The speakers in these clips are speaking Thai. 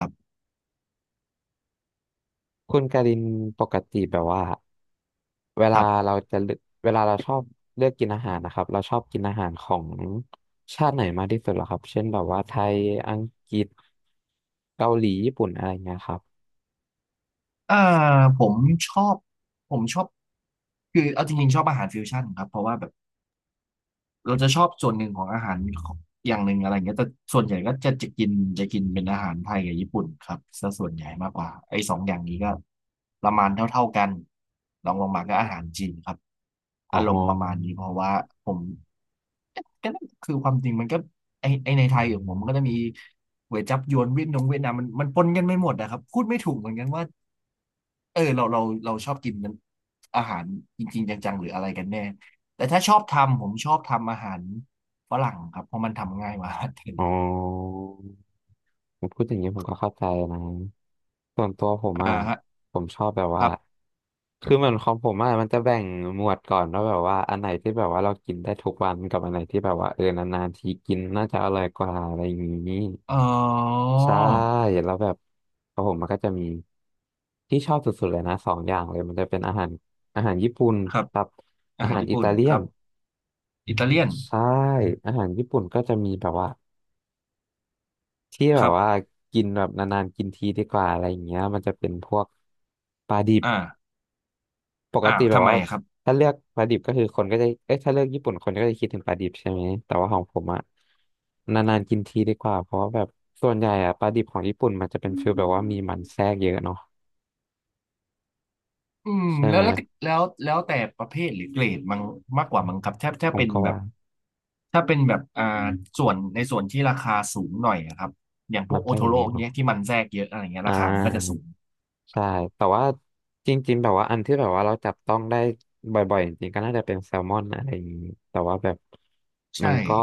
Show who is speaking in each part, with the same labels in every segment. Speaker 1: ค
Speaker 2: คุณการินปกติแบบว่าเวลา
Speaker 1: รับ
Speaker 2: เราจะเลือกเวลาเราชอบเลือกกินอาหารนะครับเราชอบกินอาหารของชาติไหนมากที่สุดเหรอครับเช่นแบบว่าไทยอังกฤษเกาหลีญี่ปุ่นอะไรเงี้ยครับ
Speaker 1: เอ่อผมชอบผมชอบคือเอาจริงๆชอบอาหารฟิวชั่นครับเพราะว่าแบบเราจะชอบส่วนหนึ่งของอาหารของอย่างหนึ่งอะไรเงี้ยแต่ส่วนใหญ่ก็จะกินเป็นอาหารไทยกับญี่ปุ่นครับซะส่วนใหญ่มากกว่าไอ้สองอย่างนี้ก็ประมาณเท่าๆกันรองลงมาก็อาหารจีนครับ
Speaker 2: อ๋อ
Speaker 1: อารมณ์ประมาณนี้เพราะว่าผม ก็นั่นคือความจริงมันก็ไอไอในไทยอย่างผมมันก็จะมีก๋วยจั๊บยวนเวียดนงเวียดนามมันปนกันไม่หมดนะครับพูดไม่ถูกเหมือนกันว่าเออเราชอบกินนั้นอาหารจริงๆจังๆหรืออะไรกันแน่แต่ถ้าชอบทำผมชอบทำอาหารฝรั่งครับเพราะมันทำง่ายกว่าอาหารไทย
Speaker 2: อ๋อ พูดอย่างนี้ผมก็เข้าใจนะส่วนตัวผม
Speaker 1: อ่า
Speaker 2: อ่ะ
Speaker 1: ฮะ
Speaker 2: ผมชอบแบบ
Speaker 1: ค
Speaker 2: ว่า
Speaker 1: รับ
Speaker 2: คือเหมือนของผมอ่ะมันจะแบ่งหมวดก่อนว่าแบบว่าอันไหนที่แบบว่าเรากินได้ทุกวันกับอันไหนที่แบบว่าเออนานๆทีกินน่าจะอร่อยกว่าอะไรอย่างนี้
Speaker 1: อ๋อ
Speaker 2: ใช่แล้วแบบของผมมันก็จะมีที่ชอบสุดๆเลยนะสองอย่างเลยมันจะเป็นอาหารญี่ปุ่น
Speaker 1: ครับ
Speaker 2: กับ
Speaker 1: อา
Speaker 2: อา
Speaker 1: หาร
Speaker 2: หาร
Speaker 1: ญี่
Speaker 2: อิ
Speaker 1: ปุ่น
Speaker 2: ตาเลี
Speaker 1: ค
Speaker 2: ยน
Speaker 1: รับอิตาเลียน
Speaker 2: ใช่อาหารญี่ปุ่นก็จะมีแบบว่า ที่แบ
Speaker 1: ครั
Speaker 2: บ
Speaker 1: บ
Speaker 2: ว่ากินแบบนานๆกินทีดีกว่าอะไรอย่างเงี้ยมันจะเป็นพวกปลาดิบ
Speaker 1: อ่า
Speaker 2: ปก
Speaker 1: อ่า
Speaker 2: ติแบ
Speaker 1: ทำ
Speaker 2: บ
Speaker 1: ไม
Speaker 2: ว่า
Speaker 1: อะครับ
Speaker 2: ถ้าเลือกปลาดิบก็คือคนก็จะเอ้ยถ้าเลือกญี่ปุ่นคนก็จะคิดถึงปลาดิบใช่ไหมแต่ว่าของผมอะนานๆกินทีดีกว่าเพราะว่าแบบส่วนใหญ่อะปลาดิบของญี่ปุ่นมันจะเป็นฟีลแบบว่ามีมันแทรกเยอะเนาะ
Speaker 1: อืม
Speaker 2: ใช่
Speaker 1: แล้
Speaker 2: ไห
Speaker 1: ว
Speaker 2: ม
Speaker 1: แล้วแล้วแล้วแต่ประเภทหรือเกรดมังมากกว่ามั้งครับถ้า
Speaker 2: ผม
Speaker 1: เป็น
Speaker 2: ก็
Speaker 1: แบ
Speaker 2: ว่า
Speaker 1: บถ้าเป็นแบบส่วนในส่วนที่ราคาสูงหน่อยอะครับอย่างพ
Speaker 2: มั
Speaker 1: วก
Speaker 2: น
Speaker 1: โอ
Speaker 2: ก็
Speaker 1: โท
Speaker 2: จะเย
Speaker 1: โร่
Speaker 2: อะเนาะ
Speaker 1: เนี้ยที่มันแทรกเยอะอะไรเงี้ย
Speaker 2: อ่า
Speaker 1: ราคามันก็จะสูง
Speaker 2: ใช่แต่ว่าจริงๆแบบว่าอันที่แบบว่าเราจับต้องได้บ่อยๆจริงๆก็น่าจะเป็นแซลมอนอะไรอย่างนี้แต่ว่าแบบ
Speaker 1: ใช่
Speaker 2: มันก็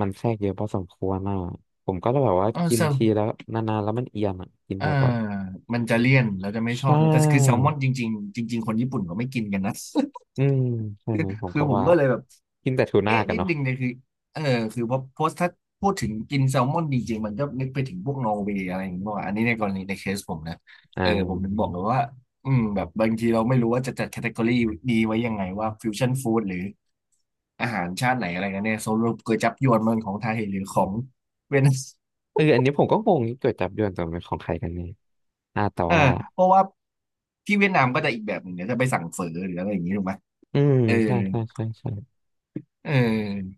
Speaker 2: มันแทรกเยอะพอสมควรอ่ะผมก็เลยแบบว่า
Speaker 1: เออ
Speaker 2: กิ
Speaker 1: เซ
Speaker 2: น
Speaker 1: ล
Speaker 2: ทีแล้วนานๆแล้วมันเอียนอ่ะกิน
Speaker 1: เออ
Speaker 2: บ่อย
Speaker 1: มันจะเลี่ยนแล้วจะ
Speaker 2: ๆ
Speaker 1: ไม่ช
Speaker 2: ใช
Speaker 1: อบแล้วแต่คือแซล
Speaker 2: ่
Speaker 1: มอนจริงๆจริงๆคนญี่ปุ่นก็ไม่กินกันนะ
Speaker 2: อืมใช่ไหมผ ม
Speaker 1: คือ
Speaker 2: ก็
Speaker 1: ผม
Speaker 2: ว่า
Speaker 1: ก็เลยแบบ
Speaker 2: กินแต่ทูน่า
Speaker 1: เอ๊ะ
Speaker 2: กัน
Speaker 1: นิด
Speaker 2: เนาะ
Speaker 1: นึงเนี่ยคือเออคือพอโพสต์ถ้าพูดถึงกินแซลมอนจริงๆมันก็นึกไปถึงพวกนอร์เวย์อะไรอย่างเงี้ยาอันนี้ในกรณีในเคสผมนะ
Speaker 2: อ่
Speaker 1: เออผมถึงบอ
Speaker 2: า
Speaker 1: กเลยว่าอืมแบบบางทีเราไม่รู้ว่าจะจัดแคตตากรีดีไว้ยังไงว่าฟิวชั่นฟู้ดหรืออาหารชาติไหนอะไรกันเนี่ยสรุปก๋วยจั๊บยวนมันของไทยหรือของเวียดนาม
Speaker 2: เอออันนี้ผมก็งงเกิดจับยวนตัวเป็นของใครกันเนี่ยอ่าแต่
Speaker 1: เออ
Speaker 2: ว่า
Speaker 1: เพราะว่าที่เวียดนามก็จะอีกแบบหนึ่งเดี๋ยวจะไปสั่งเฝอหรืออะไรอย่างงี้ถูกไหม
Speaker 2: อืม
Speaker 1: เออ
Speaker 2: ใช่ใช่ใช่ใช่
Speaker 1: เออ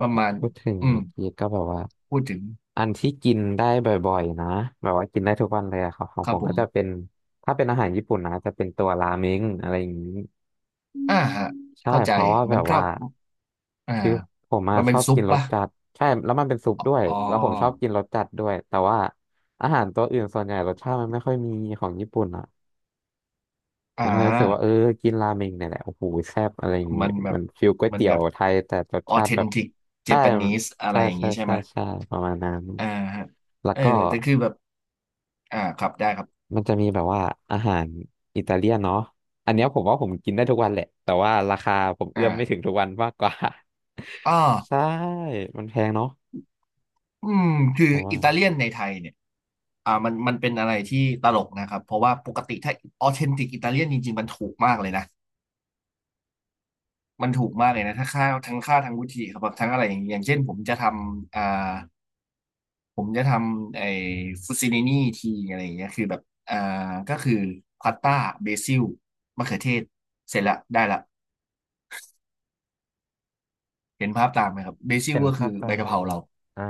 Speaker 1: ประมาณ
Speaker 2: พูดถึง
Speaker 1: อืม
Speaker 2: เมื่อกี้ก็แบบว่า
Speaker 1: พูดถึง
Speaker 2: อันที่กินได้บ่อยๆนะแบบว่ากินได้ทุกวันเลยอะครับของ
Speaker 1: ครั
Speaker 2: ผ
Speaker 1: บ
Speaker 2: ม
Speaker 1: ผ
Speaker 2: ก็จะเป็
Speaker 1: ม
Speaker 2: นถ้าเป็นอาหารญี่ปุ่นนะจะเป็นตัวราเมงอะไรอย่างนี้
Speaker 1: อ่าฮะ
Speaker 2: ใช่
Speaker 1: เข้าใจ
Speaker 2: เพราะว่าแบ
Speaker 1: มัน
Speaker 2: บ
Speaker 1: ก็
Speaker 2: ว่า
Speaker 1: อ่า
Speaker 2: คือผมอะ
Speaker 1: มัน
Speaker 2: ช
Speaker 1: เป็น
Speaker 2: อบ
Speaker 1: ซุ
Speaker 2: กิ
Speaker 1: ป
Speaker 2: นรส
Speaker 1: ปะ
Speaker 2: จัดใช่แล้วมันเป็นซุปด้วย
Speaker 1: อ๋อ
Speaker 2: แล้วผมชอบกินรสจัดด้วยแต่ว่าอาหารตัวอื่นส่วนใหญ่รสชาติมันไม่ค่อยมีของญี่ปุ่นอะผ
Speaker 1: อ่
Speaker 2: มก็เลยรู้สึกว่าเออ
Speaker 1: า
Speaker 2: กินราเมงเนี่ยแหละโอ้โหแซ่บอะไรอย่างนี้
Speaker 1: มันแบบ
Speaker 2: มันฟิลก๋วย
Speaker 1: มัน
Speaker 2: เตี๋ย
Speaker 1: แบ
Speaker 2: ว
Speaker 1: บ
Speaker 2: ไทยแต่รส
Speaker 1: ออ
Speaker 2: ชา
Speaker 1: เท
Speaker 2: ติแบ
Speaker 1: น
Speaker 2: บ
Speaker 1: ติกเจ
Speaker 2: ใช่
Speaker 1: แปนิสอะไร
Speaker 2: ใช่
Speaker 1: อย่าง
Speaker 2: ใช่
Speaker 1: นี้ใช่
Speaker 2: ใช่
Speaker 1: ไหม
Speaker 2: ใช่ประมาณนั้น
Speaker 1: อ่าฮะ
Speaker 2: แล้
Speaker 1: เอ
Speaker 2: ว
Speaker 1: อ
Speaker 2: ก็
Speaker 1: แต่คือแบบอ่าครับได้ครับ
Speaker 2: มันจะมีแบบว่าอาหารอิตาเลียนเนาะอันเนี้ยผมว่าผมกินได้ทุกวันแหละ แต่ว่าราคาผมเอื้อมไม่ถึง
Speaker 1: อ่า
Speaker 2: ทุกวันมากกว่า
Speaker 1: อ๋อ
Speaker 2: ใช่ มันแพงเนาะ
Speaker 1: อืมคื
Speaker 2: ผ
Speaker 1: อ
Speaker 2: มว่า
Speaker 1: อิตาเลียนในไทยเนี่ยมันเป็นอะไรที่ตลกนะครับเพราะว่าปกติถ้าออเทนติกอิตาเลียนจริงๆมันถูกมากเลยนะมันถูกมากเลยนะถ้าค่าทั้งวุฒิครับทั้งอะไรอย่างเงี้ยอย่างเช่นผมจะทำผมจะทำไอ้ฟูซินินี่ทีอะไรอย่างเงี้ยคือแบบอ่าก็คือพาสต้าเบซิลมะเขือเทศเสร็จละได้ละเห็นภาพตามไหมครับเบซิ
Speaker 2: เห็
Speaker 1: ล
Speaker 2: น
Speaker 1: ก็
Speaker 2: ภา
Speaker 1: คื
Speaker 2: พ
Speaker 1: อ
Speaker 2: ตา
Speaker 1: ใบ
Speaker 2: มเล
Speaker 1: กะเพ
Speaker 2: ย
Speaker 1: ราเรา
Speaker 2: อ่า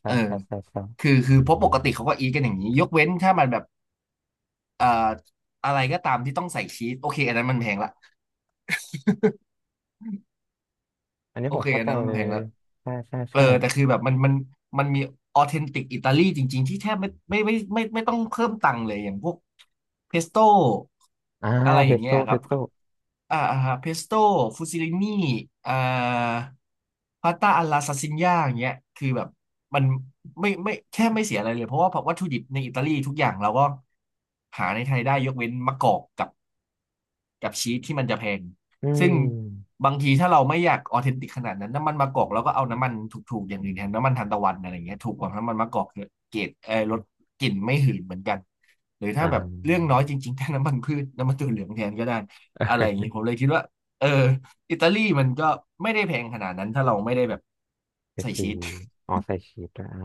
Speaker 2: ใช่
Speaker 1: เออ
Speaker 2: ใช่ใช่ใช่
Speaker 1: คือเพราะปกติเขาก็อีทกันอย่างนี้ยกเว้นถ้ามันแบบอ่าอะไรก็ตามที่ต้องใส่ชีสโอเคอันนั้นมันแพงละ
Speaker 2: อันนี้
Speaker 1: โอ
Speaker 2: ผม
Speaker 1: เค
Speaker 2: เข้า
Speaker 1: อัน
Speaker 2: ใจ
Speaker 1: นั้นมั
Speaker 2: เล
Speaker 1: นแพง
Speaker 2: ย
Speaker 1: ละ
Speaker 2: ใช่ใช่
Speaker 1: เออ
Speaker 2: ใช่
Speaker 1: แต่คือแบบมันมีออเทนติกอิตาลีจริงๆที่แทบไม่ต้องเพิ่มตังค์เลยอย่างพวกเพสโต้
Speaker 2: อ่า
Speaker 1: อะไร
Speaker 2: เพ
Speaker 1: อย่าง
Speaker 2: ส
Speaker 1: เงี้
Speaker 2: โต้
Speaker 1: ยค
Speaker 2: เพ
Speaker 1: รับ
Speaker 2: สโต้
Speaker 1: อ่าเพสโต้ฟูซิลินี่อ่าพาสต้าอัลลาซาซิญ่าอย่างเงี้ยคือแบบมันไม่ไม่แทบไม่เสียอะไรเลยเพราะว่าวัตถุดิบในอิตาลีทุกอย่างเราก็หาในไทยได้ยกเว้นมะกอกกับ กับชีสที่มันจะแพง
Speaker 2: อื
Speaker 1: ซึ่ง
Speaker 2: ม
Speaker 1: บางทีถ้าเราไม่อยากออเทนติกขนาดนั้นน้ำมันมะกอกเราก็เอาน้ำมันถูกๆอย่างอื่นแทนน้ำมันทานตะวันอะไรอย่างเงี้ยถูกกว่าน้ำมันมะกอกเยอะเกรดเออลดกลิ่นไม่หืนเหมือนกันหรือถ้า
Speaker 2: อ่า
Speaker 1: แบบเรื่องน้อยจริงๆถ้าน้ำมันพืชน้ำมันถั่วเหลืองแทนก็ได้อะไรอย่างนี้ ผมเลยคิดว่าเอออิตาลีมันก็ไม่ได้แพงขนาดนั้นถ้าเราไม่ได้แบบ
Speaker 2: ไป
Speaker 1: ใส่
Speaker 2: ซื้
Speaker 1: ชี
Speaker 2: อ
Speaker 1: ส
Speaker 2: อ๋อใส่ชีสด้วยอ่า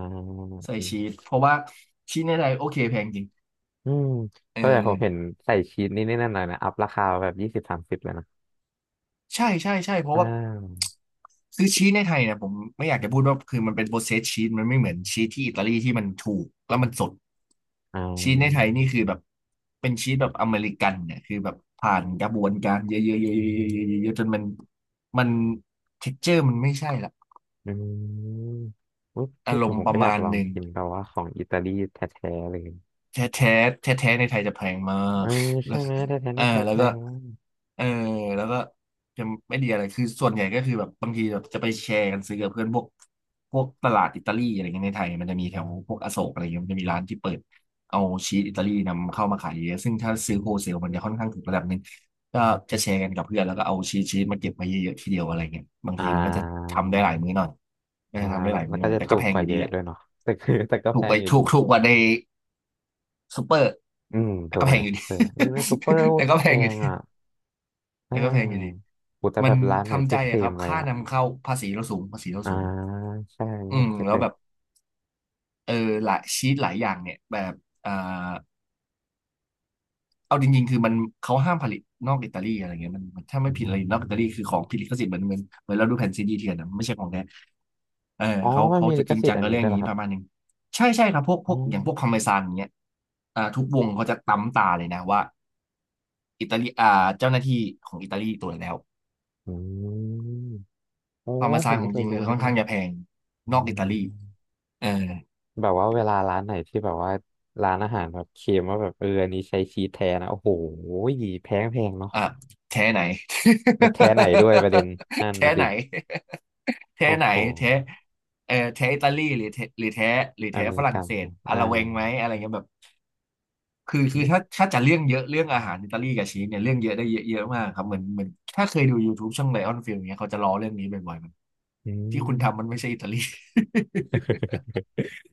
Speaker 1: ใส่
Speaker 2: อืม
Speaker 1: ชีสเพราะว่าชีสในไทยโอเคแพงจริง
Speaker 2: อืม
Speaker 1: เออ
Speaker 2: ก็แต่ผมเห็นใส่ชีสนี่นี่นั่นหน่อยนะ อัพราคาแบบยี่สิบสามสิบเลยนะ
Speaker 1: ใช่เพ
Speaker 2: อ่
Speaker 1: ราะว่า
Speaker 2: า
Speaker 1: คือชีสในไทยเนี่ยผมไม่อยากจะพูดว่าคือมันเป็นโปรเซสชีสมันไม่เหมือนชีสที่อิตาลีที่มันถูกแล้วมันสด
Speaker 2: อ่
Speaker 1: ชีสในไทย
Speaker 2: า
Speaker 1: นี่คือแบบเป็นชีสแบบอเมริกันเนี่ยคือแบบผ่านกระบวนการเยอะๆๆๆๆๆๆจนมันเท็กเจอร์มันไม่ใช่ละ
Speaker 2: อืมอุ๊ยพู
Speaker 1: อา
Speaker 2: ด
Speaker 1: ร
Speaker 2: ถึง
Speaker 1: ม
Speaker 2: ผ
Speaker 1: ณ์
Speaker 2: ม
Speaker 1: ประ
Speaker 2: ก็อยาก
Speaker 1: มาณ
Speaker 2: ลอ
Speaker 1: ห
Speaker 2: ง
Speaker 1: นึ่ง
Speaker 2: กินแบบว่าของอิตาลีแท้ๆเลย
Speaker 1: แท้แท้แท้ๆในไทยจะแพงมา
Speaker 2: เอ
Speaker 1: ก
Speaker 2: อ
Speaker 1: แล้
Speaker 2: ใช่
Speaker 1: ว็
Speaker 2: ไหมแท้
Speaker 1: เออ
Speaker 2: ๆแท้ๆ
Speaker 1: แล้
Speaker 2: แพ
Speaker 1: วก็
Speaker 2: งมาก
Speaker 1: เออแล้วก็จะไม่ดีอะไรคือส่วนใหญ่ก็คือแบบบางทีแบบจะไปแชร์กันซื้อกับเพื่อนพวกตลาดอิตาลีอะไรเงี้ยในไทยมันจะมีแถวพวกอโศกอะไรเงี้ยมันจะมีร้านที่เปิดเอาชีสอิตาลีนำเข้ามาขายเยอะซึ่งถ้าซื้อโฮเซลมันจะค่อนข้างถูกระดับหนึ่งก็จะแชร์กันกับเพื่อนแล้วก็เอาชีสมาเก็บไว้เยอะๆทีเดียวอะไรเงี้ยบาง
Speaker 2: อ่า
Speaker 1: ทีมันก็จะทำได้หลายมื้อหน่อยก็
Speaker 2: อ่า
Speaker 1: จะทำได้หลาย
Speaker 2: แล้ว
Speaker 1: มื้อห
Speaker 2: ก็
Speaker 1: น่อย
Speaker 2: จะ
Speaker 1: แต่
Speaker 2: ถู
Speaker 1: ก็
Speaker 2: ก
Speaker 1: แพง
Speaker 2: ก
Speaker 1: อ
Speaker 2: ว่า
Speaker 1: ยู่
Speaker 2: เย
Speaker 1: ดี
Speaker 2: อะ
Speaker 1: แหละ
Speaker 2: ด้วยเนาะแต่คือแต่ก็
Speaker 1: ถู
Speaker 2: แพ
Speaker 1: กไป
Speaker 2: งอยู่
Speaker 1: ถู
Speaker 2: ดี
Speaker 1: กถูกกว่าใน ซูเปอร์
Speaker 2: อืมถูก
Speaker 1: ก็
Speaker 2: ก
Speaker 1: แพ
Speaker 2: ว่าใน
Speaker 1: งอยู่
Speaker 2: ซู
Speaker 1: ดี
Speaker 2: เปอร์นี่ในซูเปอร์โอ้
Speaker 1: แต่
Speaker 2: แพ
Speaker 1: ก็แพงอยู่
Speaker 2: ง
Speaker 1: ดี
Speaker 2: อ่ะอ่
Speaker 1: แต่ก็แพงอยู่ดี
Speaker 2: ากูจะ
Speaker 1: มั
Speaker 2: แบ
Speaker 1: น
Speaker 2: บร้านไหน
Speaker 1: ทำ
Speaker 2: ที่
Speaker 1: ใจ
Speaker 2: เคล
Speaker 1: อะครั
Speaker 2: ม
Speaker 1: บ
Speaker 2: ไว้
Speaker 1: ค่า
Speaker 2: อ่ะ
Speaker 1: นำเข้าภาษีเราสูงภาษีเรา
Speaker 2: อ่า
Speaker 1: สูง
Speaker 2: ใช่อันนี้
Speaker 1: อื
Speaker 2: ผ
Speaker 1: ม
Speaker 2: มเก็บ
Speaker 1: แล้ว
Speaker 2: เลย
Speaker 1: แบบเออหลายชีสหลายอย่างเนี่ยแบบอ่าเอาจริงๆคือมันเขาห้ามผลิตนอกอิตาลีอะไรเงี้ยมันถ้าไม่
Speaker 2: อ
Speaker 1: ผิดอะ
Speaker 2: ม
Speaker 1: ไรนอกอิตาลีคือของผิดลิขสิทธิ์เหมือนเราดูแผ่นซีดีเถื่อนนะไม่ใช่ของแท้เออ
Speaker 2: อ๋อ
Speaker 1: เขา
Speaker 2: มัน
Speaker 1: เขา
Speaker 2: มี
Speaker 1: จะ
Speaker 2: ลิข
Speaker 1: จริง
Speaker 2: สิท
Speaker 1: จั
Speaker 2: ธิ์
Speaker 1: ง
Speaker 2: อัน
Speaker 1: กับ
Speaker 2: นี้
Speaker 1: เรื่อ
Speaker 2: ด้ว
Speaker 1: ง
Speaker 2: ยเหร
Speaker 1: นี้
Speaker 2: อครั
Speaker 1: ป
Speaker 2: บ
Speaker 1: ระมาณหนึง ใช่ใช่ครับพวกพ
Speaker 2: อื
Speaker 1: วกอย่างพวกคอมเม
Speaker 2: อ
Speaker 1: ซานอย่างเงี้ยอ่าทุกวงเขาจะตั้มตาเลยนะว่า อิตาลีอ่าเจ้าหน้าที่ของอิตาลีตัวจแล้ว
Speaker 2: อืมโอ้
Speaker 1: คาร์มา
Speaker 2: ผ
Speaker 1: ซาน
Speaker 2: ม
Speaker 1: ข
Speaker 2: ไม่
Speaker 1: อง
Speaker 2: เค
Speaker 1: จ
Speaker 2: ย
Speaker 1: ริงเล
Speaker 2: รู้
Speaker 1: ย
Speaker 2: นะ
Speaker 1: ค่อนข้างจะแพง
Speaker 2: อื
Speaker 1: นอกอิตาลี
Speaker 2: ม
Speaker 1: เออ
Speaker 2: แบบว่าเวลาร้านไหนที่แบบว่าร้านอาหารแบบเค็มว่าแบบเอออันนี้ใช้ชีสแท้นะโอ้โหแพงแพงเนาะ
Speaker 1: อ่ะแท้ไหน
Speaker 2: แล้วแท้ไหนด้วยประเด็น นั่น
Speaker 1: แท้
Speaker 2: นะ
Speaker 1: ไห
Speaker 2: สิ
Speaker 1: นแท้
Speaker 2: โอ้
Speaker 1: ไหน
Speaker 2: โห
Speaker 1: แท้เออแท้อิตาลีหรือแท้หรือแท้หรือ
Speaker 2: อ
Speaker 1: แท้
Speaker 2: เม
Speaker 1: ฝ
Speaker 2: ริ
Speaker 1: รั่ง
Speaker 2: กัน
Speaker 1: เศ
Speaker 2: เน
Speaker 1: ส
Speaker 2: อะ
Speaker 1: อะ
Speaker 2: อ่า
Speaker 1: ละเวงไหมอะไรเงี้ยแบบคือคื
Speaker 2: เน
Speaker 1: อ
Speaker 2: อะ
Speaker 1: ถ้าจะเรื่องเยอะ เรื่องอาหารอิตาลีกับชีสเนี่ยเรื่องเยอะได้เยอะเยอะมากครับเหมือนถ้าเคยดู YouTube ช่องไลออนฟิลเนี้ยเขาจะล้อเรื่องนี้บ่อยๆมัน
Speaker 2: อื
Speaker 1: ที่คุณทำมัน
Speaker 2: ม
Speaker 1: ไม่ใช่อิตาลี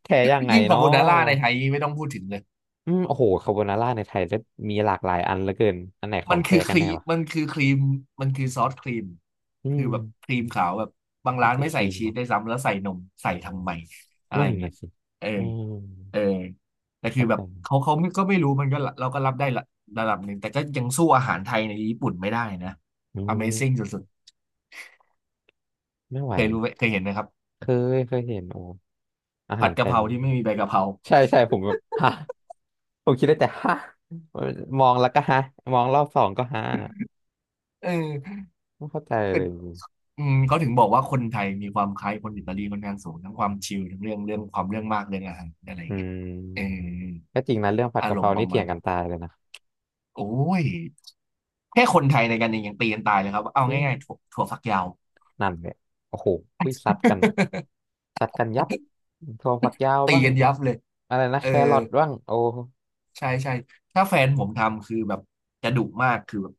Speaker 2: แท้ยังไง
Speaker 1: ยิ่งคา
Speaker 2: เนาะ
Speaker 1: โบนาร่าในไทยไม่ต้องพูดถึงเลย
Speaker 2: อืมโอ้โหคาโบนาร่าในไทยจะมีหลากหลายอันเหลือเกินอันไหนขอ
Speaker 1: มัน
Speaker 2: งแท้
Speaker 1: คือค
Speaker 2: กัน
Speaker 1: รี
Speaker 2: แน่
Speaker 1: ม
Speaker 2: วะ
Speaker 1: มันคือครีมมันคือซอสครีม
Speaker 2: อื
Speaker 1: คือ
Speaker 2: ม
Speaker 1: แบบครีมขาวแบบบาง
Speaker 2: มี
Speaker 1: ร้าน
Speaker 2: แต่
Speaker 1: ไม่
Speaker 2: ค
Speaker 1: ใส่
Speaker 2: รีม
Speaker 1: ชีส
Speaker 2: เนาะ
Speaker 1: ได้วยซ้ำแล้วใส่นมใส่ทำไมอะไร
Speaker 2: นั่
Speaker 1: อ
Speaker 2: น
Speaker 1: ย่างเงี้
Speaker 2: นะ
Speaker 1: ย
Speaker 2: สิ
Speaker 1: เออ
Speaker 2: อืม
Speaker 1: เออแต่คือ
Speaker 2: เข้า
Speaker 1: แบ
Speaker 2: ใจ
Speaker 1: บเขาไม่ก็ไม่รู้มันก็ละเราก็รับได้ละระดับหนึ่งแต่ก็ยังสู้อาหารไทยในญี่ปุ่นไม่ได้นะ
Speaker 2: อืม
Speaker 1: Amazing สุด
Speaker 2: ไม่ไห
Speaker 1: ๆ
Speaker 2: ว
Speaker 1: เคยรู้
Speaker 2: นะ
Speaker 1: ไหมเคยเห็นไหมครับ
Speaker 2: เคยเคยเห็นโอ้อา
Speaker 1: ผั
Speaker 2: หา
Speaker 1: ด
Speaker 2: รไท
Speaker 1: กะ
Speaker 2: ย
Speaker 1: เพรา
Speaker 2: นี่
Speaker 1: ที่ไม่มีใบกะเพรา
Speaker 2: ใช่ใช่ผมแบบฮะผมคิดได้แต่ฮะมองแล้วก็ฮะมองรอบสองก็ฮะ
Speaker 1: เออ
Speaker 2: ไม่เข้าใจ
Speaker 1: แต่
Speaker 2: เลย
Speaker 1: อืมเขาถึงบอกว่าคนไทยมีความคล้ายคนอิตาลีค่อนข้างสูงทั้งความชิลทั้งเรื่องความเรื่องมากเรื่องอาหารอะไรอ
Speaker 2: อื
Speaker 1: ย่างเงี้ยเออ
Speaker 2: มก็จริงนะเรื่องผัด
Speaker 1: อา
Speaker 2: กะ
Speaker 1: ร
Speaker 2: เพ
Speaker 1: ม
Speaker 2: รา
Speaker 1: ณ์ป
Speaker 2: นี่
Speaker 1: ระ
Speaker 2: เถี
Speaker 1: มา
Speaker 2: ย
Speaker 1: ณ
Speaker 2: งกั
Speaker 1: นึ
Speaker 2: น
Speaker 1: ง
Speaker 2: ตายเลยนะ
Speaker 1: โอ้ยแค่คนไทยในกันเองยังตีกันตายเลยครับเอา
Speaker 2: อืม
Speaker 1: ง่ายๆถั่วฝักยาว
Speaker 2: นั่นเนี่ยโอ้โหวิซัดกันอะซัดกันยับถั่วฝักยาว
Speaker 1: ตี
Speaker 2: บ้าง
Speaker 1: กันยับเลย
Speaker 2: อะไรนะแค
Speaker 1: เอ
Speaker 2: ร
Speaker 1: อ
Speaker 2: อทบ้างโอ้
Speaker 1: ใช่ใช่ถ้าแฟนผมทำคือแบบจะดุมากคือแบบ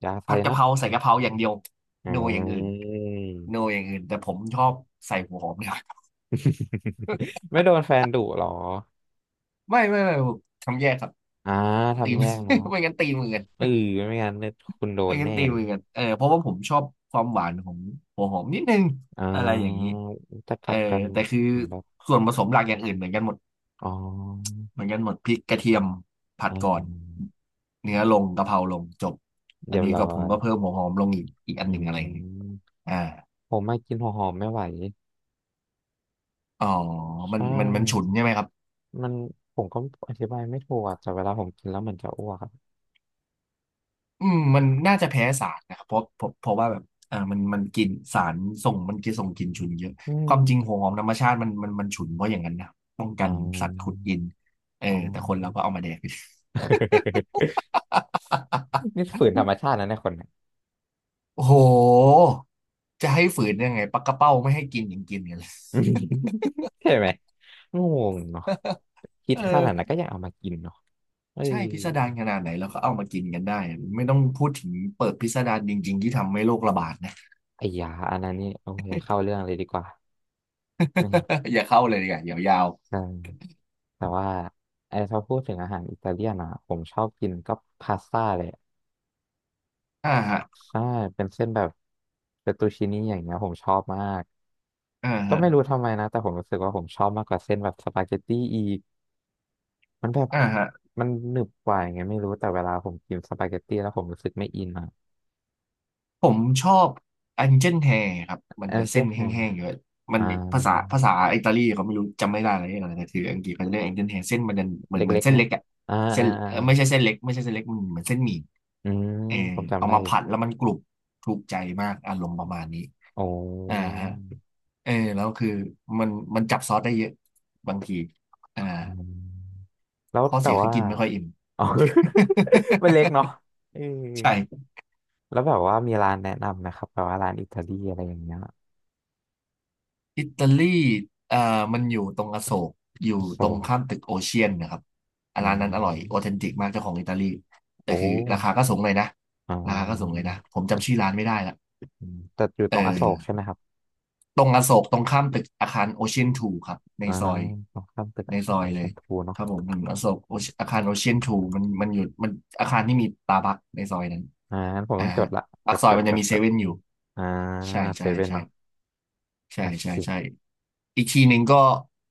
Speaker 2: อยาใส่
Speaker 1: ผัดกะ
Speaker 2: นะ
Speaker 1: เพราใส่กะเพราอย่างเดียว
Speaker 2: อื
Speaker 1: โนอย่างอื่นโน
Speaker 2: ม
Speaker 1: อย่างอื่นแต่ผมชอบใส่หัวหอมเนี่ย
Speaker 2: ไม่โดนแฟนดุหรอ
Speaker 1: ไม่ผมทำแยกครับ
Speaker 2: อ่า
Speaker 1: ตี
Speaker 2: ทำ
Speaker 1: ม
Speaker 2: แยกเนาะ
Speaker 1: ไม่งั้นตีมือกัน
Speaker 2: เออไม่งั้นเนี่ยคุณโด
Speaker 1: เอ้ย
Speaker 2: น
Speaker 1: งั้น
Speaker 2: แน่
Speaker 1: ตี
Speaker 2: เลย
Speaker 1: มือกันเออเพราะว่าผมชอบความหวานของหัวหอมนิดนึง
Speaker 2: อ่
Speaker 1: อะไรอย่างนี้
Speaker 2: าจะก
Speaker 1: เอ
Speaker 2: ลั
Speaker 1: อ
Speaker 2: บกัน
Speaker 1: แต่คือส่วนผสมหลักอย่างอื่นเหมือนกันหมด
Speaker 2: อ๋อ
Speaker 1: เหมือนกันหมดพริกกระเทียมผัด
Speaker 2: อ่
Speaker 1: ก่อน
Speaker 2: า
Speaker 1: เนื้อลงกะเพราลงจบอั
Speaker 2: เดี๋
Speaker 1: น
Speaker 2: ยว
Speaker 1: นี้
Speaker 2: ร้อ
Speaker 1: ก็ผม
Speaker 2: ย
Speaker 1: ก็เพิ่มหัวหอมลงอีกอัน
Speaker 2: อื
Speaker 1: หนึ่งอะไรอย่างนี้
Speaker 2: ม
Speaker 1: อ่า
Speaker 2: ผมไม่กินหัวหอมไม่ไหว
Speaker 1: อ๋อมัน
Speaker 2: ใช่
Speaker 1: มันมันฉุนใช่ไหมครับ
Speaker 2: มันผมก็อธิบายไม่ถูกอะแต่เวลาผมกินแล้วเหมือนจะอ้วกอะ
Speaker 1: อืมมันน่าจะแพ้สารนะครับเพราะว่าแบบอ่ามันกินสารส่งมันกินส่งกลิ่นฉุนเยอะ
Speaker 2: อื
Speaker 1: ค
Speaker 2: ม
Speaker 1: วามจริงหัวหอมธรรมชาติมันฉุนเพราะอย่างนั้นนะป้อง
Speaker 2: อ๋
Speaker 1: กั
Speaker 2: อ
Speaker 1: นสัตว์ขุดกินเออ
Speaker 2: อ๋อ
Speaker 1: แต่คนเราก็เอามาแดก
Speaker 2: นี่ฝืนธรรมชาตินะเนี่ยคนเนี่ย
Speaker 1: โอ้โหจะให้ฝืนยังไงปลากระเป้าไม่ให้กินยังกินกันเลย
Speaker 2: ใช่ไหมงงเนาะ คิด
Speaker 1: เออ
Speaker 2: ขนาดนั้นก็ยังเอามากินเนาะเออ
Speaker 1: ใช่พิสดารขนาดไหนแล้วก็เอามากินกันได้ไม่ต้องพูดถึงเปิดพิสดารจริงๆที่ทำให้โรคระบาดนะ
Speaker 2: ไอ้ยาอันนั้นนี่โอ้ยอย่าเข้าเรื่องเลยดีกว่าไม่
Speaker 1: อย่าเข้าเลยดีกว่าเดี๋ยวยาว
Speaker 2: ใช่ แต่ว่าไอ้ถ้าพูดถึงอาหารอิตาเลียนอ่ะผมชอบกินก็พาสต้าเลย
Speaker 1: อ่าฮะ
Speaker 2: ใช่เป็นเส้นแบบเฟตตูชินี่อย่างเงี้ยผมชอบมาก
Speaker 1: อ่า
Speaker 2: ก็
Speaker 1: ฮะ
Speaker 2: ไม่รู้ทำไมนะแต่ผมรู้สึกว่าผมชอบมากกว่าเส้นแบบสปาเกตตี้อีกมันแบบ
Speaker 1: อ่าฮะ
Speaker 2: มันหนึบกว่าอย่างเงี้ยไม่รู้แต่เวลาผมกินสปาเกตตี้แล้วผมรู้สึกไม่อินอ่ะ
Speaker 1: ผมชอบ Angel Hair ครับ มัน
Speaker 2: แอ
Speaker 1: จะ
Speaker 2: นเจอ
Speaker 1: เส้น
Speaker 2: ร์แฮม
Speaker 1: แห้งๆอยู่อะมัน
Speaker 2: อ่า
Speaker 1: ภาษาอิตาลีเขาไม่รู้จำไม่ได้อะไรอย่างเรียแต่คืออังกฤษเขาจะเรียก Angel Hair เส้นมันจะเหมือนเหมือ
Speaker 2: เล็
Speaker 1: น
Speaker 2: กๆ
Speaker 1: เส้น
Speaker 2: เนาะ
Speaker 1: เล็กอะ
Speaker 2: อ่า
Speaker 1: เส้
Speaker 2: อ่า
Speaker 1: น
Speaker 2: อ่า
Speaker 1: ไม่ใช่เส้นเล็กไม่ใช่เส้นเล็กมันเหมือนเส้นหมี่
Speaker 2: อืม
Speaker 1: เออ
Speaker 2: ผมจำ
Speaker 1: เอา
Speaker 2: ได้
Speaker 1: มา
Speaker 2: อยู่
Speaker 1: ผัดแล้วมันกรุบถูกใจมากอารมณ์ประมาณนี้
Speaker 2: โอ้
Speaker 1: อ่าฮะเออแล้วคือมันมันจับซอสได้เยอะบางทีอ่า
Speaker 2: อืมแล้ว
Speaker 1: ข้อ
Speaker 2: แต่
Speaker 1: เสียคือ
Speaker 2: ว่า
Speaker 1: กินไม่ค่อยอิ่ม
Speaker 2: อ๋อ มันเล็กเนาะเออ
Speaker 1: ใช่
Speaker 2: แล้วแบบว่ามีร้านแนะนำไหมครับแบบว่าร้านอิตาลีอะไรอย่างเงี้ย
Speaker 1: อิตาลีเอ่อมันอยู่ตรงอโศกอยู่
Speaker 2: โซ
Speaker 1: ตรงข้ามตึกโอเชียนนะครับอ่ะ
Speaker 2: อื
Speaker 1: ร้าน
Speaker 2: ม
Speaker 1: นั้นอร่อยออเทนติกมากเจ้าของอิตาลีแต่
Speaker 2: โอ้
Speaker 1: คือราคาก็สูงเลยนะ
Speaker 2: อ๋อ
Speaker 1: ราคาก็สูงเลยนะผม
Speaker 2: แต่
Speaker 1: จำชื่อร้านไม่ได้ละ
Speaker 2: แต่อยู่
Speaker 1: เอ
Speaker 2: ตรงอโศกใช่
Speaker 1: อ
Speaker 2: ไหมครับ
Speaker 1: ตรงอโศกตรงข้ามตึกอาคารโอเชียนทูครับใน
Speaker 2: อ่า
Speaker 1: ซอย
Speaker 2: ตรงข้ามตึก
Speaker 1: ใน
Speaker 2: อา
Speaker 1: ซ
Speaker 2: คาร
Speaker 1: อ
Speaker 2: โอ
Speaker 1: ยเล
Speaker 2: เชีย
Speaker 1: ย
Speaker 2: นทู
Speaker 1: ค
Speaker 2: เนาะ
Speaker 1: รับผมอืมอโศกออาคารโอเชียนทูมันอยู่มันอาคารที่มีตาบักในซอยนั้น
Speaker 2: อ่างั้นผม
Speaker 1: อ่า
Speaker 2: ต้องจ
Speaker 1: ฮะ
Speaker 2: ดละจ
Speaker 1: ปาก
Speaker 2: ด
Speaker 1: ซอ
Speaker 2: จ
Speaker 1: ย
Speaker 2: ด
Speaker 1: มัน
Speaker 2: จ
Speaker 1: จะ
Speaker 2: ด
Speaker 1: มี
Speaker 2: จ
Speaker 1: เซ
Speaker 2: ด
Speaker 1: เว่นอยู่
Speaker 2: อ่า
Speaker 1: ใช่
Speaker 2: เซ
Speaker 1: ใช่
Speaker 2: เว่น
Speaker 1: ใช่
Speaker 2: เนาะ
Speaker 1: ใช่
Speaker 2: โอเค
Speaker 1: ใช่ใช่อีกทีหนึ่งก็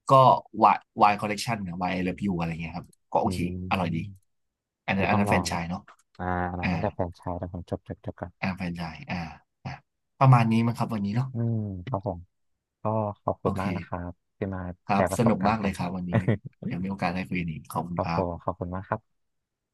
Speaker 1: ก็วายวายคอลเลกชันนะวายไอเลิฟยูอะไรเงี้ยครับก็โอ
Speaker 2: อื
Speaker 1: เค
Speaker 2: ม
Speaker 1: อร่อยดีอันนั้
Speaker 2: เดี๋ย
Speaker 1: น
Speaker 2: ว
Speaker 1: อั
Speaker 2: ต้
Speaker 1: น
Speaker 2: อง
Speaker 1: นั้น
Speaker 2: ล
Speaker 1: แฟ
Speaker 2: อ
Speaker 1: ร
Speaker 2: ง
Speaker 1: นไช
Speaker 2: แหละ
Speaker 1: ส์เนาะ
Speaker 2: อ่าอันนั้
Speaker 1: อ่า
Speaker 2: นตั้งแต่แฟรนไชส์แล้วผมจดจดจดกัน
Speaker 1: อ่าแฟรนไชส์อ่าอ่าประมาณนี้มั้งครับวันนี้เนาะ
Speaker 2: อืมครับผมก็ขอบคุ
Speaker 1: โอ
Speaker 2: ณ
Speaker 1: เค
Speaker 2: มากนะครับที่มา
Speaker 1: ค
Speaker 2: แช
Speaker 1: รับ
Speaker 2: ร์ป
Speaker 1: ส
Speaker 2: ระสบ
Speaker 1: นุก
Speaker 2: การ
Speaker 1: มาก
Speaker 2: ณ์
Speaker 1: เล
Speaker 2: กั
Speaker 1: ย
Speaker 2: น
Speaker 1: ครับวันนี้ เดี๋ยวมีโอกาสได้คุยกันอีกขอบคุ
Speaker 2: ค
Speaker 1: ณ
Speaker 2: รับ
Speaker 1: ค
Speaker 2: ผ
Speaker 1: รั
Speaker 2: ม
Speaker 1: บ
Speaker 2: ขอบคุณมากครับ